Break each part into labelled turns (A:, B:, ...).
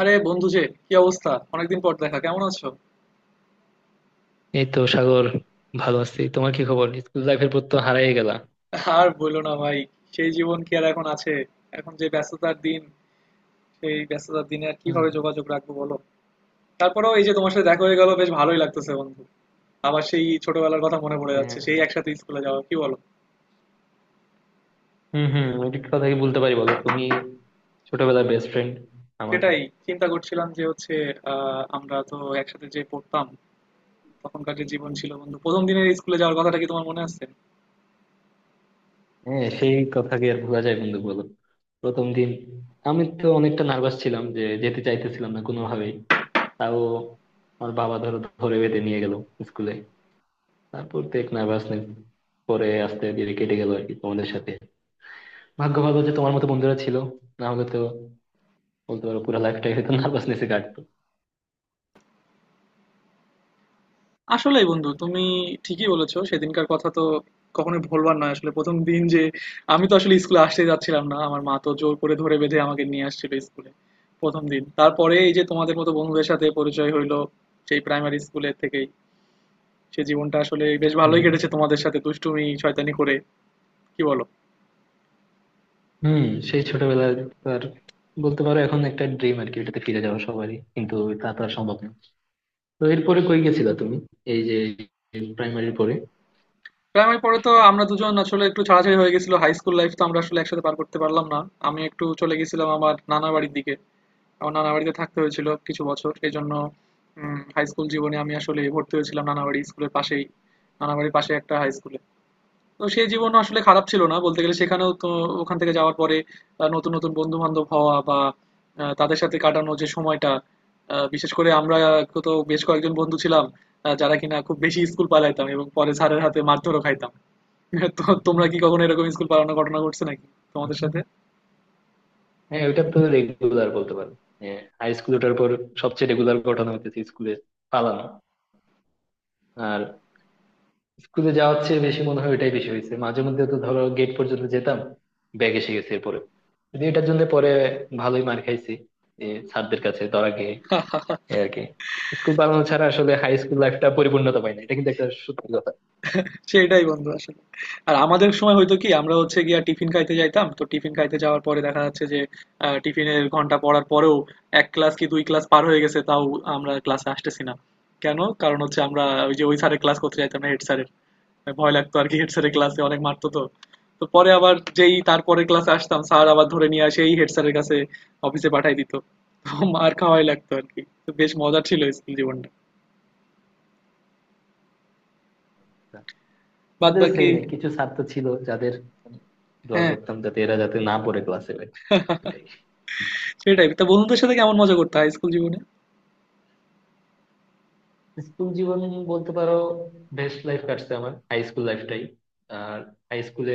A: আরে বন্ধু যে কি অবস্থা, অনেকদিন পর দেখা, কেমন আছো?
B: এই তো সাগর, ভালো আছি। তোমার কি খবর? স্কুল লাইফের পর তো হারাই গেলা।
A: আর বলো না ভাই, সেই জীবন কি আর এখন আছে? এখন যে ব্যস্ততার দিন, সেই ব্যস্ততার দিনে আর
B: হুম।
A: কিভাবে যোগাযোগ রাখবো বলো। তারপরেও এই যে তোমার সাথে দেখা হয়ে গেল, বেশ ভালোই লাগতেছে বন্ধু। আবার সেই ছোটবেলার কথা মনে পড়ে যাচ্ছে,
B: হ্যাঁ।
A: সেই একসাথে স্কুলে যাওয়া, কি বলো?
B: হুম হুম ওইটি কথা কি বলতে পারি, বলো তুমি। ছোটবেলার বেস্ট ফ্রেন্ড আমার।
A: সেটাই চিন্তা করছিলাম যে হচ্ছে, আমরা তো একসাথে যে পড়তাম, তখনকার যে জীবন ছিল বন্ধু। প্রথম দিনের স্কুলে যাওয়ার কথাটা কি তোমার মনে আছে?
B: হ্যাঁ, সেই কথা কি আর ভোলা যায় বন্ধু, বলো? প্রথম দিন আমি তো অনেকটা নার্ভাস ছিলাম, যে যেতে চাইতেছিলাম না কোনোভাবেই। তাও আমার বাবা ধরো ধরে বেঁধে নিয়ে গেল স্কুলে। তারপর তো এক নার্ভাসনেস পরে আস্তে ধীরে কেটে গেল আর কি তোমাদের সাথে। ভাগ্য ভালো যে তোমার মতো বন্ধুরা ছিল, না হলে তো বলতে পারো পুরো লাইফটাই হয়তো নার্ভাসনেসে কাটতো।
A: আসলেই বন্ধু তুমি ঠিকই বলেছো, সেদিনকার কথা তো কখনোই ভোলবার নয়। আসলে প্রথম দিন যে আমি তো আসলে স্কুলে আসতে যাচ্ছিলাম না, আমার মা তো জোর করে ধরে বেঁধে আমাকে নিয়ে আসছিল স্কুলে প্রথম দিন। তারপরে এই যে তোমাদের মতো বন্ধুদের সাথে পরিচয় হইলো সেই প্রাইমারি স্কুলের থেকেই, সে জীবনটা আসলে বেশ ভালোই কেটেছে
B: হুম
A: তোমাদের সাথে দুষ্টুমি শয়তানি করে, কি বলো?
B: হুম, সেই ছোটবেলার তো আর বলতে পারো এখন একটা ড্রিম আর কি, এটাতে ফিরে যাওয়া সবারই কিন্তু তা তো আর সম্ভব না। তো এরপরে কই গেছিলা তুমি, এই যে প্রাইমারির পরে?
A: প্রাইমারি পরে তো আমরা দুজন আসলে একটু ছাড়াছাড়ি হয়ে গেছিল, হাই স্কুল লাইফ তো আমরা আসলে একসাথে পার করতে পারলাম না। আমি একটু চলে গেছিলাম আমার নানা বাড়ির দিকে, আমার নানা বাড়িতে থাকতে হয়েছিল কিছু বছর। এজন্য হাই স্কুল জীবনে আমি আসলে ভর্তি হয়েছিলাম নানা বাড়ি স্কুলের পাশেই, নানা বাড়ির পাশে একটা হাই স্কুলে। তো সেই জীবন আসলে খারাপ ছিল না বলতে গেলে, সেখানেও তো ওখান থেকে যাওয়ার পরে নতুন নতুন বন্ধু বান্ধব হওয়া বা তাদের সাথে কাটানো যে সময়টা, বিশেষ করে আমরা তো বেশ কয়েকজন বন্ধু ছিলাম যারা কিনা খুব বেশি স্কুল পালাইতাম এবং পরে স্যারের হাতে মারধরও খাইতাম। তো তোমরা কি কখনো এরকম স্কুল পালানোর ঘটনা ঘটছে নাকি তোমাদের সাথে?
B: হ্যাঁ, ওইটা তো রেগুলার বলতে পারো। হাই স্কুল ওঠার পর সবচেয়ে রেগুলার ঘটনা হচ্ছে স্কুলে পালানো। আর স্কুলে যাওয়ার চেয়ে বেশি মনে হয় ওইটাই বেশি হয়েছে। মাঝে মধ্যে তো ধরো গেট পর্যন্ত যেতাম, ব্যাগ এসে গেছে, এরপরে যদি এটার জন্য পরে ভালোই মার খাইছি, যে স্যারদের কাছে ধরা খেয়ে। এই আর কি। স্কুল পালানো ছাড়া আসলে হাই স্কুল লাইফটা পরিপূর্ণতা পায় না, এটা কিন্তু একটা সত্যি কথা।
A: সেইটাই বন্ধু আসলে। আর আমাদের সময় হয়তো কি আমরা হচ্ছে গিয়া টিফিন খাইতে যাইতাম, তো টিফিন খাইতে যাওয়ার পরে দেখা যাচ্ছে যে টিফিনের ঘন্টা পড়ার পরেও এক ক্লাস কি দুই ক্লাস পার হয়ে গেছে, তাও আমরা ক্লাসে আসতেছি না। কেন? কারণ হচ্ছে আমরা ওই যে ওই স্যারের ক্লাস করতে যাইতাম না, হেড স্যারের ভয় লাগতো আর কি, হেড স্যারের ক্লাসে অনেক মারতো। তো তো পরে আবার যেই তারপরে ক্লাসে আসতাম, স্যার আবার ধরে নিয়ে আসে এই হেড স্যারের কাছে, অফিসে পাঠাই দিত। তো মার খাওয়াই লাগতো আর কি। তো বেশ মজা ছিল স্কুল জীবনটা বাদ
B: আমাদের
A: বাকি।
B: সেমই কিছু ছাত্র ছিল যাদের মানে দোয়া
A: হ্যাঁ,
B: করতাম যাতে এরা যাতে না পড়ে ক্লাসে ভাই। এটাই।
A: সেটাই। তা বন্ধুদের সাথে কেমন মজা করতে হয় স্কুল জীবনে।
B: স্কুল জীবন বলতে পারো বেস্ট লাইফ কাটছে আমার, হাই স্কুল লাইফটাই। আর হাই স্কুলে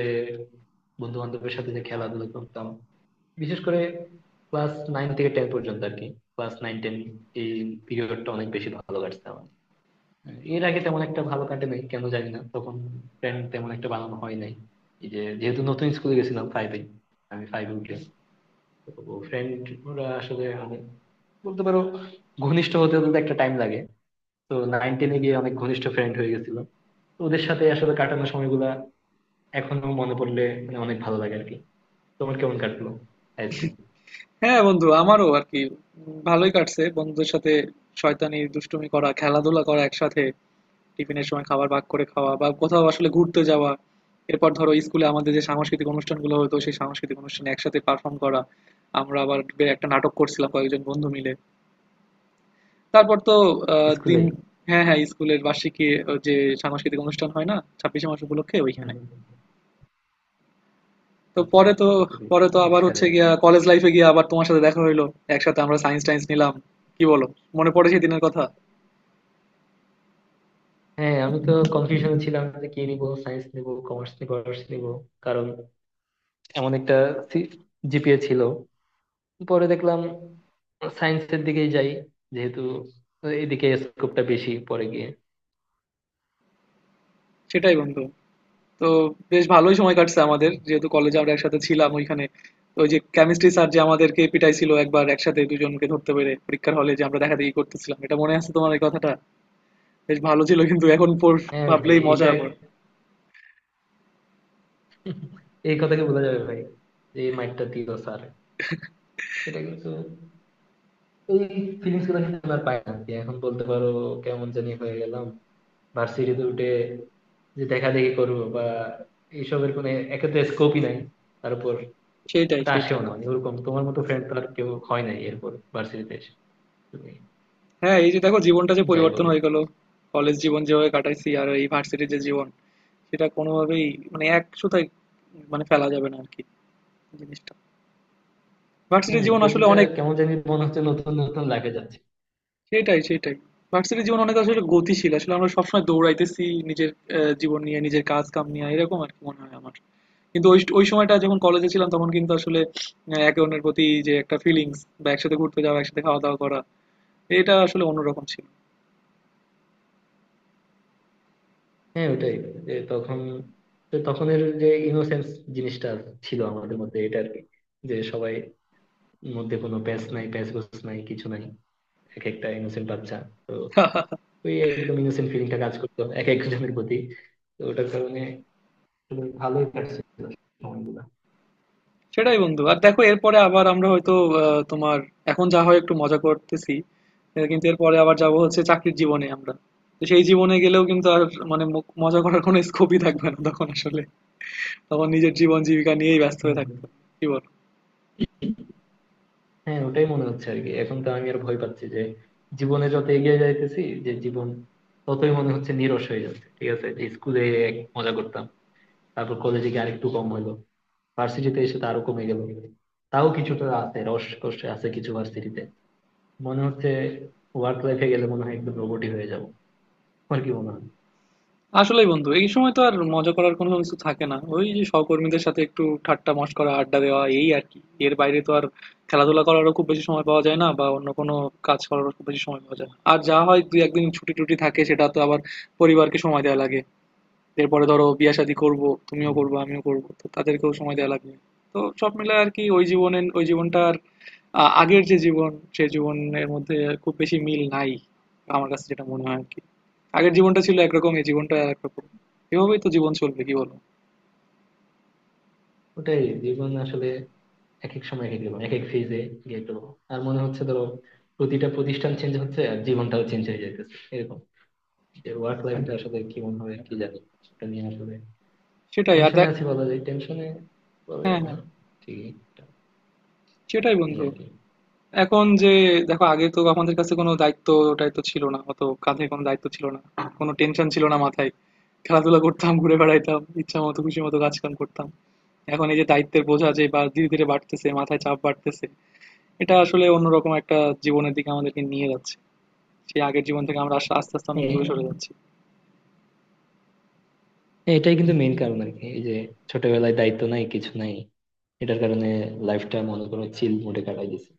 B: বন্ধু বান্ধবের সাথে যে খেলাধুলা করতাম, বিশেষ করে ক্লাস নাইন থেকে টেন পর্যন্ত আর কি। ক্লাস নাইন টেন এই পিরিয়ডটা অনেক বেশি ভালো কাটছে আমার। এর আগে তেমন একটা ভালো কাটে নাই, কেন জানি না। তখন প্ল্যান তেমন একটা বানানো হয় নাই। এই যে যেহেতু নতুন স্কুলে গেছিলাম ফাইভে, আমি ফাইভে উঠলাম, তো ফ্রেন্ড ওরা আসলে অনেক, বলতে পারো, ঘনিষ্ঠ হতে হতে তো একটা টাইম লাগে। তো নাইন টেনে গিয়ে অনেক ঘনিষ্ঠ ফ্রেন্ড হয়ে গেছিল। তো ওদের সাথে আসলে কাটানো সময়গুলা এখনো মনে পড়লে মানে অনেক ভালো লাগে আর কি। তোমার কেমন কাটলো হাই স্কুল?
A: হ্যাঁ বন্ধু আমারও আর কি, ভালোই কাটছে বন্ধুদের সাথে, শয়তানি দুষ্টুমি করা, খেলাধুলা করা একসাথে, টিফিনের সময় খাবার ভাগ করে খাওয়া, বা কোথাও আসলে ঘুরতে যাওয়া। এরপর ধরো স্কুলে আমাদের যে সাংস্কৃতিক অনুষ্ঠানগুলো হতো, সেই সাংস্কৃতিক অনুষ্ঠানে একসাথে পারফর্ম করা, আমরা আবার একটা নাটক করছিলাম কয়েকজন বন্ধু মিলে। তারপর তো দিন,
B: স্কুলেই।
A: হ্যাঁ হ্যাঁ, স্কুলের বার্ষিকী যে সাংস্কৃতিক অনুষ্ঠান হয় না, ছাব্বিশে মার্চ উপলক্ষে
B: হুম
A: ওইখানে।
B: হুম।
A: তো
B: আচ্ছা।
A: পরে তো,
B: তো খুবই
A: পরে তো আবার
B: সেরা।
A: হচ্ছে গিয়া কলেজ লাইফে গিয়ে আবার তোমার সাথে দেখা হইলো, একসাথে আমরা সায়েন্স টায়েন্স নিলাম, কি বলো? মনে পড়ে সেই দিনের কথা?
B: হ্যাঁ, আমি তো কনফিউশনে ছিলাম যে কি নিব, সায়েন্স নিব, কমার্স নিব, আর্টস নিব। কারণ এমন একটা জিপিএ ছিল। পরে দেখলাম সায়েন্সের দিকেই যাই, যেহেতু এদিকে স্কোপটা বেশি পরে গিয়ে।
A: সেটাই বন্ধু। তো বেশ ভালোই সময় কাটছে আমাদের, যেহেতু কলেজে আমরা একসাথে ছিলাম ওইখানে। ওই যে কেমিস্ট্রি স্যার যে আমাদেরকে পিটাইছিল একবার, একসাথে দুজনকে ধরতে পেরে, পরীক্ষার হলে যে আমরা দেখা দেখি করতেছিলাম, এটা মনে আছে তোমার এই কথাটা? বেশ ভালো ছিল কিন্তু এখন
B: হ্যাঁ ভাই,
A: ভাবলেই মজা
B: এটা
A: আবার।
B: এই কথাকে বলা যাবে ভাই, যে এই মাইন্ডটা দিল স্যার, সেটা কিন্তু এই ফিলিংস গুলো কিন্তু আমি আর পাই না যে এখন, বলতে পারো। কেমন জানি হয়ে গেলাম ভার্সিটিতে উঠে, যে দেখা দেখি করবো বা এইসবের কোনো, একে তো স্কোপই নাই, তার উপর
A: সেইটাই
B: ওটা আসেও
A: সেইটাই
B: না। মানে ওরকম তোমার মতো ফ্রেন্ড তো আর কেউ হয় নাই এরপর ভার্সিটিতে এসে তুমি।
A: হ্যাঁ এই যে দেখো জীবনটা যে
B: যাই
A: পরিবর্তন
B: বলো।
A: হয়ে গেল, কলেজ জীবন যেভাবে কাটাইছি আর এই ভার্সিটির যে জীবন, সেটা কোনোভাবেই মানে এক সুতায় মানে ফেলা যাবে না আর কি জিনিসটা। ভার্সিটি
B: হম,
A: জীবন আসলে
B: প্রতিটা
A: অনেক,
B: কেমন জানি মনে হচ্ছে নতুন নতুন লাগে যাচ্ছে।
A: সেটাই সেটাই ভার্সিটি জীবন অনেক আসলে গতিশীল, আসলে আমরা সবসময় দৌড়াইতেছি নিজের জীবন নিয়ে, নিজের কাজ কাম নিয়ে, এরকম আর কি মনে হয় আমার। কিন্তু ওই ওই সময়টা যখন কলেজে ছিলাম তখন কিন্তু আসলে একে অন্যের প্রতি যে একটা ফিলিংস, বা একসাথে ঘুরতে যাওয়া, একসাথে খাওয়া দাওয়া করা, এটা আসলে অন্যরকম ছিল।
B: হ্যাঁ ওটাই, যে তখন, যে তখনের যে ইনোসেন্স জিনিসটা ছিল আমাদের মধ্যে, এটা আর কি, যে সবাই মধ্যে কোনো প্যাঁচ নাই, প্যাঁচ গোছ নাই, কিছু নাই। এক একটা ইনোসেন্ট বাচ্চা। তো ওই একদম ইনোসেন্ট ফিলিংটা কাজ করতো এক একজনের প্রতি। তো ওটার কারণে ভালোই কাটছিল সময়গুলো।
A: সেটাই বন্ধু। আর দেখো এরপরে আবার আমরা হয়তো তোমার, এখন যা হয় একটু মজা করতেছি, কিন্তু এরপরে আবার যাব হচ্ছে চাকরির জীবনে আমরা। তো সেই জীবনে গেলেও কিন্তু আর মানে মজা করার কোনো স্কোপই থাকবে না তখন আসলে, তখন নিজের জীবন জীবিকা নিয়েই ব্যস্ত
B: হম
A: হয়ে থাকতে
B: হম
A: হবে। কি বলো?
B: হ্যাঁ ওটাই মনে হচ্ছে আর কি। এখন তো আমি আর ভয় পাচ্ছি যে জীবনে যত এগিয়ে যাইতেছি, যে জীবন ততই মনে হচ্ছে নিরস হয়ে যাচ্ছে। ঠিক আছে, যে স্কুলে এক মজা করতাম, তারপর কলেজে গিয়ে আরেকটু কম হলো, ভার্সিটিতে এসে তো আরো কমে গেল। তাও কিছুটা আছে রস কষ্ট আছে কিছু ভার্সিটিতে, মনে হচ্ছে। ওয়ার্ক লাইফে গেলে মনে হয় একদম রোবটই হয়ে যাবো, আমার কি মনে হয়।
A: আসলেই বন্ধু, এই সময় তো আর মজা করার কোনো কিছু থাকে না, ওই যে সহকর্মীদের সাথে একটু ঠাট্টা মশকরা আড্ডা দেওয়া, এই আর কি। এর বাইরে তো আর খেলাধুলা করারও খুব বেশি সময় পাওয়া যায় না, বা অন্য কোনো কাজ করারও খুব বেশি সময় পাওয়া যায় না। আর যা হয় দুই একদিন ছুটি টুটি থাকে, সেটা তো আবার পরিবারকে সময় দেওয়া লাগে। এরপরে ধরো বিয়ে শাদী করবো, তুমিও
B: হম।
A: করবে আমিও করবো, তো তাদেরকেও সময় দেওয়া লাগবে। তো সব মিলে আর কি, ওই জীবনে, ওই জীবনটার আগের যে জীবন সেই জীবনের মধ্যে খুব বেশি মিল নাই, আমার কাছে যেটা মনে হয় আর কি। আগের জীবনটা ছিল একরকম, এই জীবনটা আর একরকম, এভাবেই তো জীবন চলবে, কি বলো?
B: ওটাই, জীবন আসলে এক এক সময় এক এক রকম, এক এক ফেজে গেট। আর মনে হচ্ছে ধরো প্রতিটা প্রতিষ্ঠান চেঞ্জ হচ্ছে আর জীবনটাও চেঞ্জ হয়ে যাইতেছে এরকম, যে ওয়ার্ক লাইফটা আসলে কেমন হবে কি জানি, সেটা নিয়ে আসলে
A: সেটাই আর
B: টেনশনে
A: দেখ।
B: আছি বলা যায়, টেনশনে বলা
A: হ্যাঁ
B: যায় না,
A: হ্যাঁ।
B: ঠিকই এটা
A: সেটাই
B: নিয়ে
A: বন্ধু।
B: আর কি।
A: এখন যে দেখো, আগে তো আমাদের কাছে কোনো দায়িত্ব টাইত্ব ছিল না, অত কাঁধে কোনো দায়িত্ব ছিল না, কোনো টেনশন ছিল না মাথায়, খেলাধুলা করতাম, ঘুরে বেড়াইতাম, ইচ্ছা মতো খুশি মতো কাজ কাম করতাম। এখন এই যে দায়িত্বের বোঝা যে বা ধীরে ধীরে বাড়তেছে, মাথায় চাপ বাড়তেছে, এটা আসলে অন্যরকম একটা জীবনের দিকে আমাদেরকে নিয়ে যাচ্ছে। সেই আগের জীবন থেকে আমরা আস্তে আস্তে অনেক দূরে
B: এ-
A: সরে যাচ্ছি।
B: এটাই কিন্তু মেইন কারণ আর কি, এই যে ছোটবেলায় দায়িত্ব নাই কিছু নাই, এটার কারণে লাইফটা মনে করো চিল মোডে কাটাই দিছে।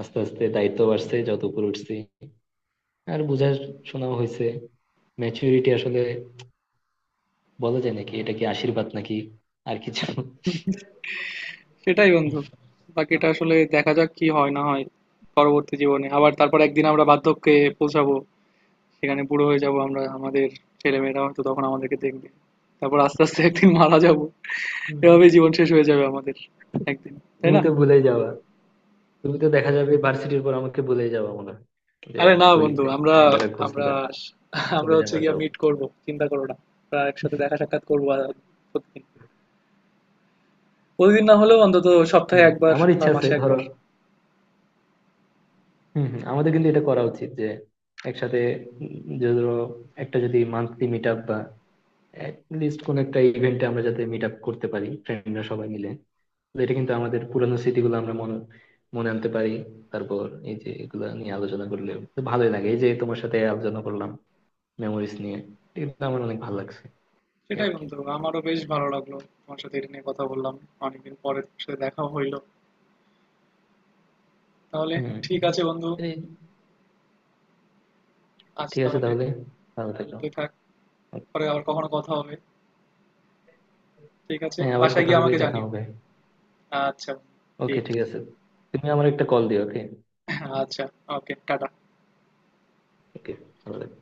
B: আস্তে আস্তে দায়িত্ব বাড়ছে যত উপরে উঠছি, আর বোঝার শোনাও হয়েছে ম্যাচুরিটি আসলে, বলা যায় নাকি এটা কি আশীর্বাদ নাকি আর কিছু।
A: সেটাই বন্ধু, বাকিটা আসলে দেখা যাক কি হয় না হয়। পরবর্তী জীবনে আবার তারপর একদিন আমরা বার্ধক্যে পৌঁছাবো, সেখানে বুড়ো হয়ে যাব আমরা, আমাদের ছেলে মেয়েরা হয়তো তখন আমাদেরকে দেখবে, তারপর আস্তে আস্তে একদিন মারা যাব।
B: হুম।
A: এভাবেই জীবন শেষ হয়ে যাবে আমাদের একদিন, তাই
B: তুমি
A: না?
B: তো ভুলে যাওয়া, তুমি তো দেখা যাবে ভার্সিটির পর আমাকে বলেই যাবা মনে হয় যে
A: আরে
B: আর
A: না বন্ধু,
B: কইতে
A: আমরা
B: আমাদের আর খোঁজ
A: আমরা
B: নিবা,
A: আমরা
B: চলে
A: হচ্ছে
B: যাবা,
A: গিয়া
B: যাও।
A: মিট করব, চিন্তা করো না। আমরা একসাথে দেখা সাক্ষাৎ করবো আর প্রতিদিন প্রতিদিন না হলেও অন্তত সপ্তাহে
B: হম,
A: একবার
B: আমার
A: বা
B: ইচ্ছা আছে
A: মাসে
B: ধরো।
A: একবার।
B: হম হম আমাদের কিন্তু এটা করা উচিত যে একসাথে, উম, যে ধরো একটা যদি মান্থলি মিট আপ বা লিস্ট কোন একটা ইভেন্টে আমরা যাতে মিট আপ করতে পারি, ফ্রেন্ডরা সবাই মিলে। তো এটা কিন্তু আমাদের পুরানো স্মৃতিগুলো আমরা মনে মনে আনতে পারি। তারপর এই যে এগুলা নিয়ে আলোচনা করলে তো ভালোই লাগে, এই যে তোমার সাথে আলোচনা করলাম মেমোরিজ নিয়ে, এটা কিন্তু আমার অনেক ভালো লাগছে। এই
A: সেটাই
B: আর কি।
A: বন্ধু, আমারও বেশ ভালো লাগলো তোমার সাথে এটা নিয়ে কথা বললাম। অনেকদিন পরে তোমার সাথে দেখা হইলো। তাহলে ঠিক আছে বন্ধু,
B: হম।
A: আজ
B: ঠিক আছে
A: তাহলে এ
B: তাহলে, ভালো থেকো।
A: পর্যন্তই থাক, পরে আবার
B: Okay.
A: কখনো কথা হবে। ঠিক আছে,
B: হ্যাঁ, আবার
A: বাসায়
B: কথা
A: গিয়ে
B: হবে,
A: আমাকে
B: দেখা
A: জানিও।
B: হবে।
A: আচ্ছা বন্ধু,
B: ওকে,
A: ঠিক
B: ঠিক
A: আছে।
B: আছে। তুমি আমার একটা কল দিও, ওকে।
A: আচ্ছা, ওকে, টাটা।
B: ওকে, ভালো থেকো.